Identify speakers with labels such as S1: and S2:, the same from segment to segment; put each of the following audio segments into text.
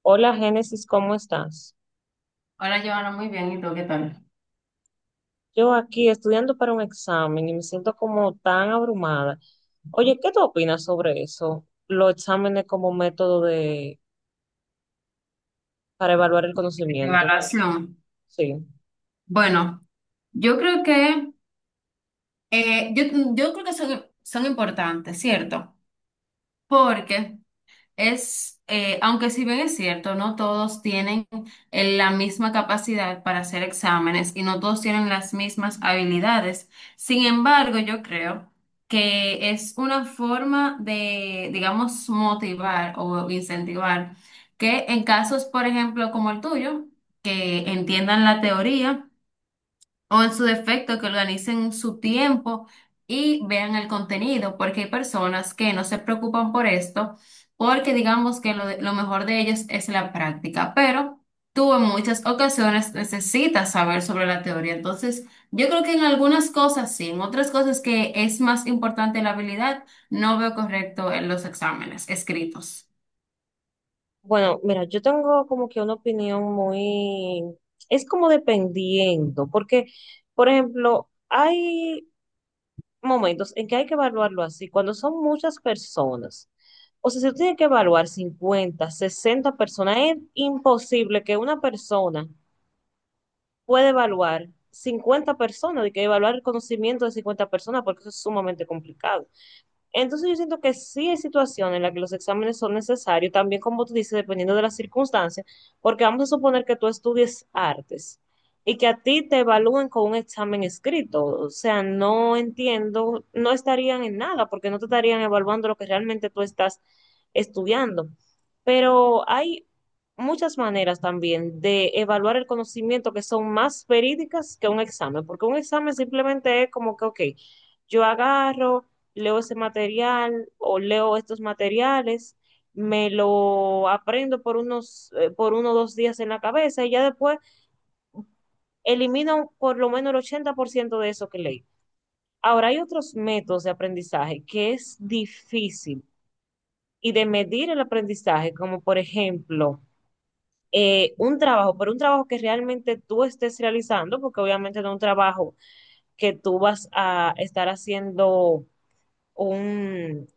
S1: Hola Génesis, ¿cómo estás?
S2: Hola, Joana, muy bien. ¿Y tú qué tal?
S1: Yo aquí estudiando para un examen y me siento como tan abrumada. Oye, ¿qué tú opinas sobre eso? Los exámenes como método de para evaluar el conocimiento.
S2: Evaluación.
S1: Sí.
S2: Bueno, yo creo que eh, yo, yo creo que son importantes, ¿cierto? Porque aunque si bien es cierto, no todos tienen la misma capacidad para hacer exámenes y no todos tienen las mismas habilidades. Sin embargo, yo creo que es una forma de, digamos, motivar o incentivar que en casos, por ejemplo, como el tuyo, que entiendan la teoría o en su defecto, que organicen su tiempo y vean el contenido, porque hay personas que no se preocupan por esto, porque digamos que lo mejor de ellas es la práctica, pero tú en muchas ocasiones necesitas saber sobre la teoría. Entonces, yo creo que en algunas cosas sí, en otras cosas que es más importante la habilidad, no veo correcto en los exámenes escritos.
S1: Bueno, mira, yo tengo como que una opinión es como dependiendo, porque, por ejemplo, hay momentos en que hay que evaluarlo así, cuando son muchas personas. O sea, si tú tienes que evaluar 50 60 personas, es imposible que una persona pueda evaluar 50 personas, de que evaluar el conocimiento de 50 personas, porque eso es sumamente complicado. Entonces yo siento que sí hay situaciones en las que los exámenes son necesarios, también como tú dices, dependiendo de las circunstancias, porque vamos a suponer que tú estudies artes y que a ti te evalúen con un examen escrito. O sea, no entiendo, no estarían en nada, porque no te estarían evaluando lo que realmente tú estás estudiando. Pero hay muchas maneras también de evaluar el conocimiento que son más verídicas que un examen, porque un examen simplemente es como que, ok, yo agarro leo ese material o leo estos materiales, me lo aprendo por por 1 o 2 días en la cabeza y ya después elimino por lo menos el 80% de eso que leí. Ahora hay otros métodos de aprendizaje que es difícil y de medir el aprendizaje, como por ejemplo un trabajo, pero un trabajo que realmente tú estés realizando, porque obviamente no es un trabajo que tú vas a estar haciendo un,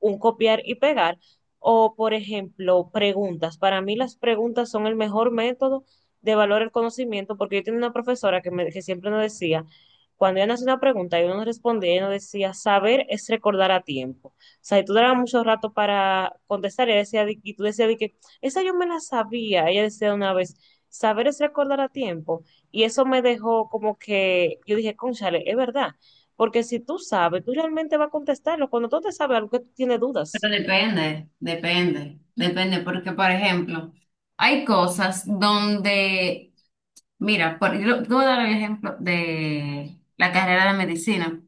S1: un copiar y pegar. O, por ejemplo, preguntas. Para mí las preguntas son el mejor método de valorar el conocimiento, porque yo tenía una profesora que siempre nos decía, cuando ella nos hacía una pregunta y uno nos respondía, ella nos decía, saber es recordar a tiempo. O sea, y tú dabas mucho rato para contestar, y, ella decía, y tú decías de que, esa yo me la sabía, ella decía una vez, saber es recordar a tiempo. Y eso me dejó como que, yo dije, cónchale, es verdad. Porque si tú sabes, tú realmente vas a contestarlo. Cuando tú te sabes algo que tú tienes
S2: Pero
S1: dudas.
S2: depende, depende, depende, porque por ejemplo, hay cosas donde mira, yo te voy a dar el ejemplo de la carrera de medicina.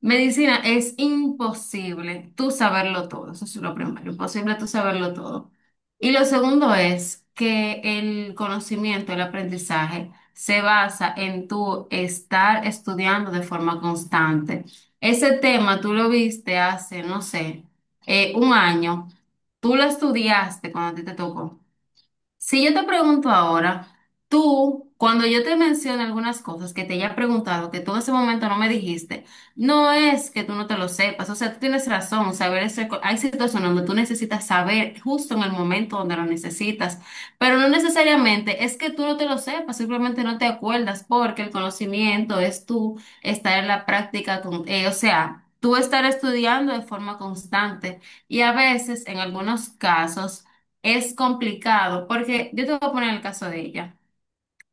S2: Medicina es imposible tú saberlo todo, eso es lo primero, imposible tú saberlo todo. Y lo segundo es que el conocimiento, el aprendizaje se basa en tu estar estudiando de forma constante. Ese tema tú lo viste hace, no sé, un año, tú lo estudiaste cuando a ti te tocó. Si yo te pregunto ahora, tú, cuando yo te menciono algunas cosas que te haya preguntado, que tú en ese momento no me dijiste, no es que tú no te lo sepas, o sea, tú tienes razón, hay situaciones donde tú necesitas saber justo en el momento donde lo necesitas, pero no necesariamente es que tú no te lo sepas, simplemente no te acuerdas porque el conocimiento es tú estar en la práctica, o sea, tú estar estudiando de forma constante y a veces, en algunos casos, es complicado, porque yo te voy a poner el caso de ella.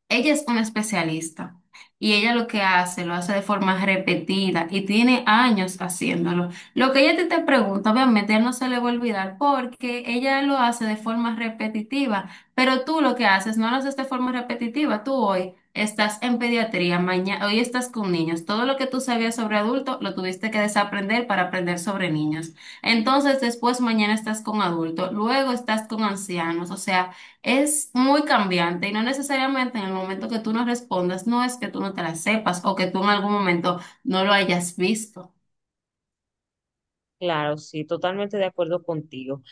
S2: Ella es una especialista y ella lo que hace, lo hace de forma repetida y tiene años haciéndolo. Lo que ella te pregunta, obviamente, a él no se le va a olvidar porque ella lo hace de forma repetitiva, pero tú lo que haces no lo haces de forma repetitiva. Tú hoy estás en pediatría, mañana, hoy estás con niños. Todo lo que tú sabías sobre adultos lo tuviste que desaprender para aprender sobre niños. Entonces, después mañana estás con adultos, luego estás con ancianos, o sea... Es muy cambiante y no necesariamente en el momento que tú no respondas, no es que tú no te la sepas o que tú en algún momento no lo hayas visto.
S1: Claro, sí, totalmente de acuerdo contigo.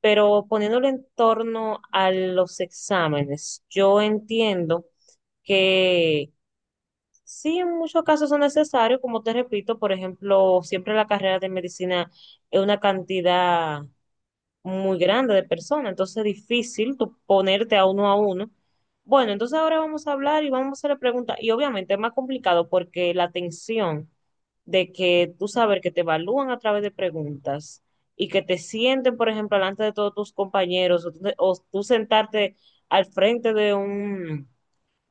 S1: Pero poniéndolo en torno a los exámenes, yo entiendo que sí, en muchos casos son necesarios, como te repito, por ejemplo, siempre la carrera de medicina es una cantidad muy grande de personas, entonces es difícil tú ponerte a uno a uno. Bueno, entonces ahora vamos a hablar y vamos a hacer preguntas. Y obviamente es más complicado porque la tensión de que tú sabes que te evalúan a través de preguntas y que te sienten, por ejemplo, delante de todos tus compañeros o tú sentarte al frente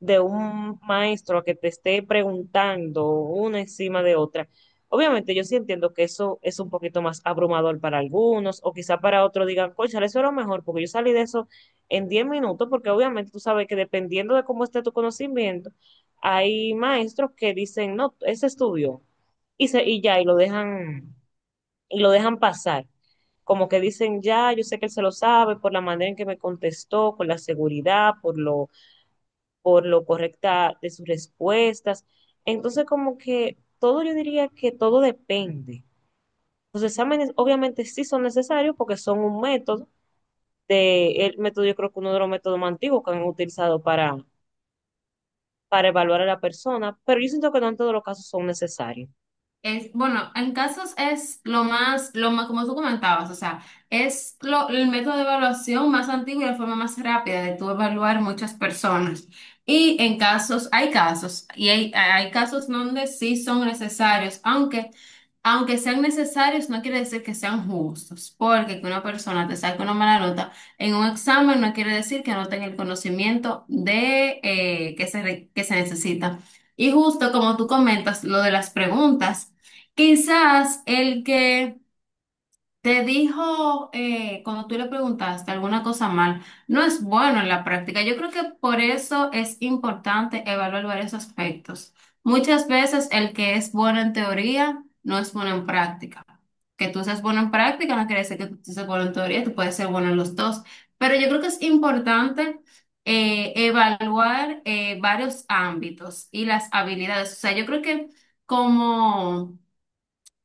S1: de un maestro que te esté preguntando una encima de otra. Obviamente yo sí entiendo que eso es un poquito más abrumador para algunos o quizá para otros digan, cónchale, eso era mejor porque yo salí de eso en 10 minutos porque obviamente tú sabes que dependiendo de cómo esté tu conocimiento, hay maestros que dicen, no, ese estudio y, y ya, y lo dejan pasar como que dicen, ya, yo sé que él se lo sabe por la manera en que me contestó, por la seguridad, por lo correcta de sus respuestas. Entonces, como que todo, yo diría que todo depende. Los exámenes obviamente sí son necesarios porque son un método, el método yo creo que uno de los métodos más antiguos que han utilizado para evaluar a la persona, pero yo siento que no en todos los casos son necesarios.
S2: Es, bueno, en casos es lo más, como tú comentabas, o sea, el método de evaluación más antiguo y la forma más rápida de tú evaluar muchas personas. Y en casos, hay casos, hay casos donde sí son necesarios, aunque, aunque sean necesarios, no quiere decir que sean justos, porque que una persona te saque una mala nota en un examen no quiere decir que no tenga el conocimiento de, que se necesita. Y justo como tú comentas, lo de las preguntas. Quizás el que te dijo cuando tú le preguntaste alguna cosa mal, no es bueno en la práctica. Yo creo que por eso es importante evaluar varios aspectos. Muchas veces el que es bueno en teoría no es bueno en práctica. Que tú seas bueno en práctica no quiere decir que tú seas bueno en teoría, tú puedes ser bueno en los dos. Pero yo creo que es importante evaluar varios ámbitos y las habilidades. O sea, yo creo que como...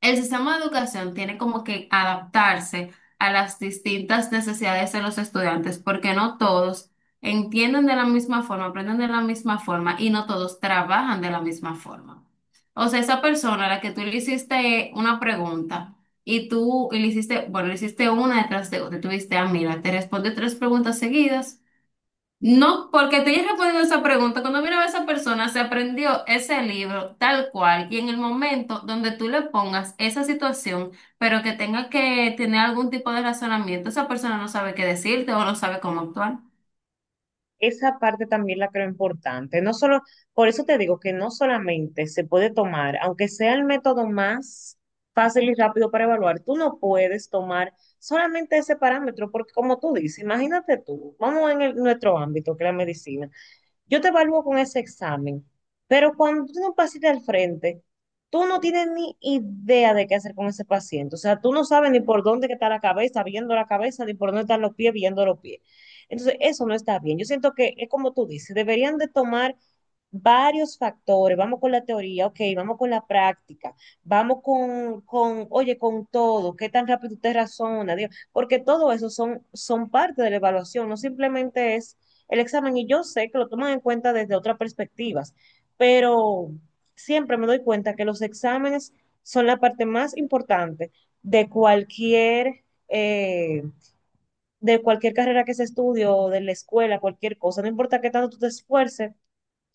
S2: El sistema de educación tiene como que adaptarse a las distintas necesidades de los estudiantes, porque no todos entienden de la misma forma, aprenden de la misma forma y no todos trabajan de la misma forma. O sea, esa persona a la que tú le hiciste una pregunta y tú le hiciste, bueno, le hiciste una detrás de otra, tuviste, ah, mira, te responde tres preguntas seguidas. No, porque te hayas respondido esa pregunta. Cuando miraba a esa persona, se aprendió ese libro tal cual. Y en el momento donde tú le pongas esa situación, pero que tenga que tener algún tipo de razonamiento, esa persona no sabe qué decirte o no sabe cómo actuar.
S1: Esa parte también la creo importante. No solo, por eso te digo que no solamente se puede tomar, aunque sea el método más fácil y rápido para evaluar, tú no puedes tomar solamente ese parámetro, porque como tú dices, imagínate tú, vamos nuestro ámbito, que es la medicina, yo te evalúo con ese examen, pero cuando tú tienes un paciente al frente, tú no tienes ni idea de qué hacer con ese paciente. O sea, tú no sabes ni por dónde que está la cabeza, viendo la cabeza, ni por dónde están los pies, viendo los pies. Entonces, eso no está bien. Yo siento que es como tú dices, deberían de tomar varios factores. Vamos con la teoría, ok, vamos con la práctica, vamos con oye, con todo, qué tan rápido usted razona, Dios, porque todo eso son parte de la evaluación, no simplemente es el examen y yo sé que lo toman en cuenta desde otras perspectivas, pero siempre me doy cuenta que los exámenes son la parte más importante de eh, cualquier carrera que se estudie o de la escuela, cualquier cosa. No importa qué tanto tú te esfuerces,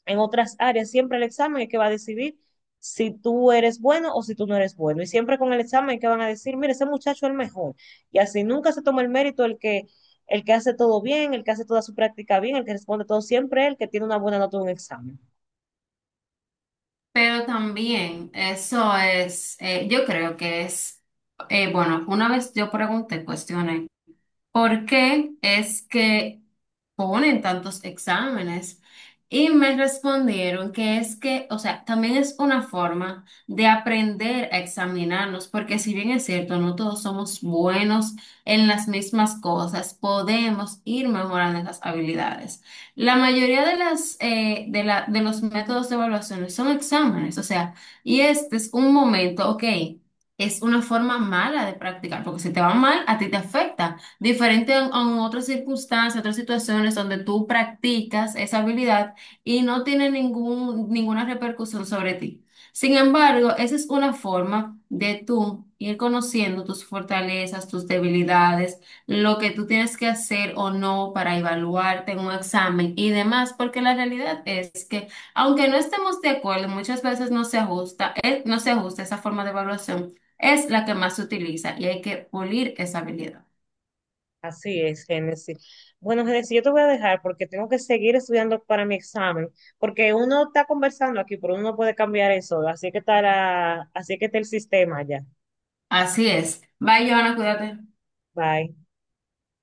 S1: en otras áreas. Siempre el examen es que va a decidir si tú eres bueno o si tú no eres bueno. Y siempre con el examen es que van a decir, mire, ese muchacho es el mejor. Y así nunca se toma el mérito el que hace todo bien, el que hace toda su práctica bien, el que responde todo siempre, el que tiene una buena nota en un examen.
S2: Pero también, yo creo que es, bueno, una vez yo pregunté, cuestioné, ¿por qué es que ponen tantos exámenes? Y me respondieron que es que, o sea, también es una forma de aprender a examinarnos, porque si bien es cierto, no todos somos buenos en las mismas cosas, podemos ir mejorando esas habilidades. La mayoría de de los métodos de evaluación son exámenes, o sea, y este es un momento, ok, es una forma mala de practicar, porque si te va mal, a ti te afecta. Diferente a otras circunstancias, otras situaciones donde tú practicas esa habilidad y no tiene ninguna repercusión sobre ti. Sin embargo, esa es una forma de tú ir conociendo tus fortalezas, tus debilidades, lo que tú tienes que hacer o no para evaluarte en un examen y demás, porque la realidad es que aunque no estemos de acuerdo, muchas veces no se ajusta, no se ajusta esa forma de evaluación es la que más se utiliza y hay que pulir esa habilidad.
S1: Así es, Génesis. Bueno, Génesis, yo te voy a dejar porque tengo que seguir estudiando para mi examen, porque uno está conversando aquí, pero uno no puede cambiar eso, así que está el sistema ya.
S2: Así es. Bye, Joana, cuídate.
S1: Bye.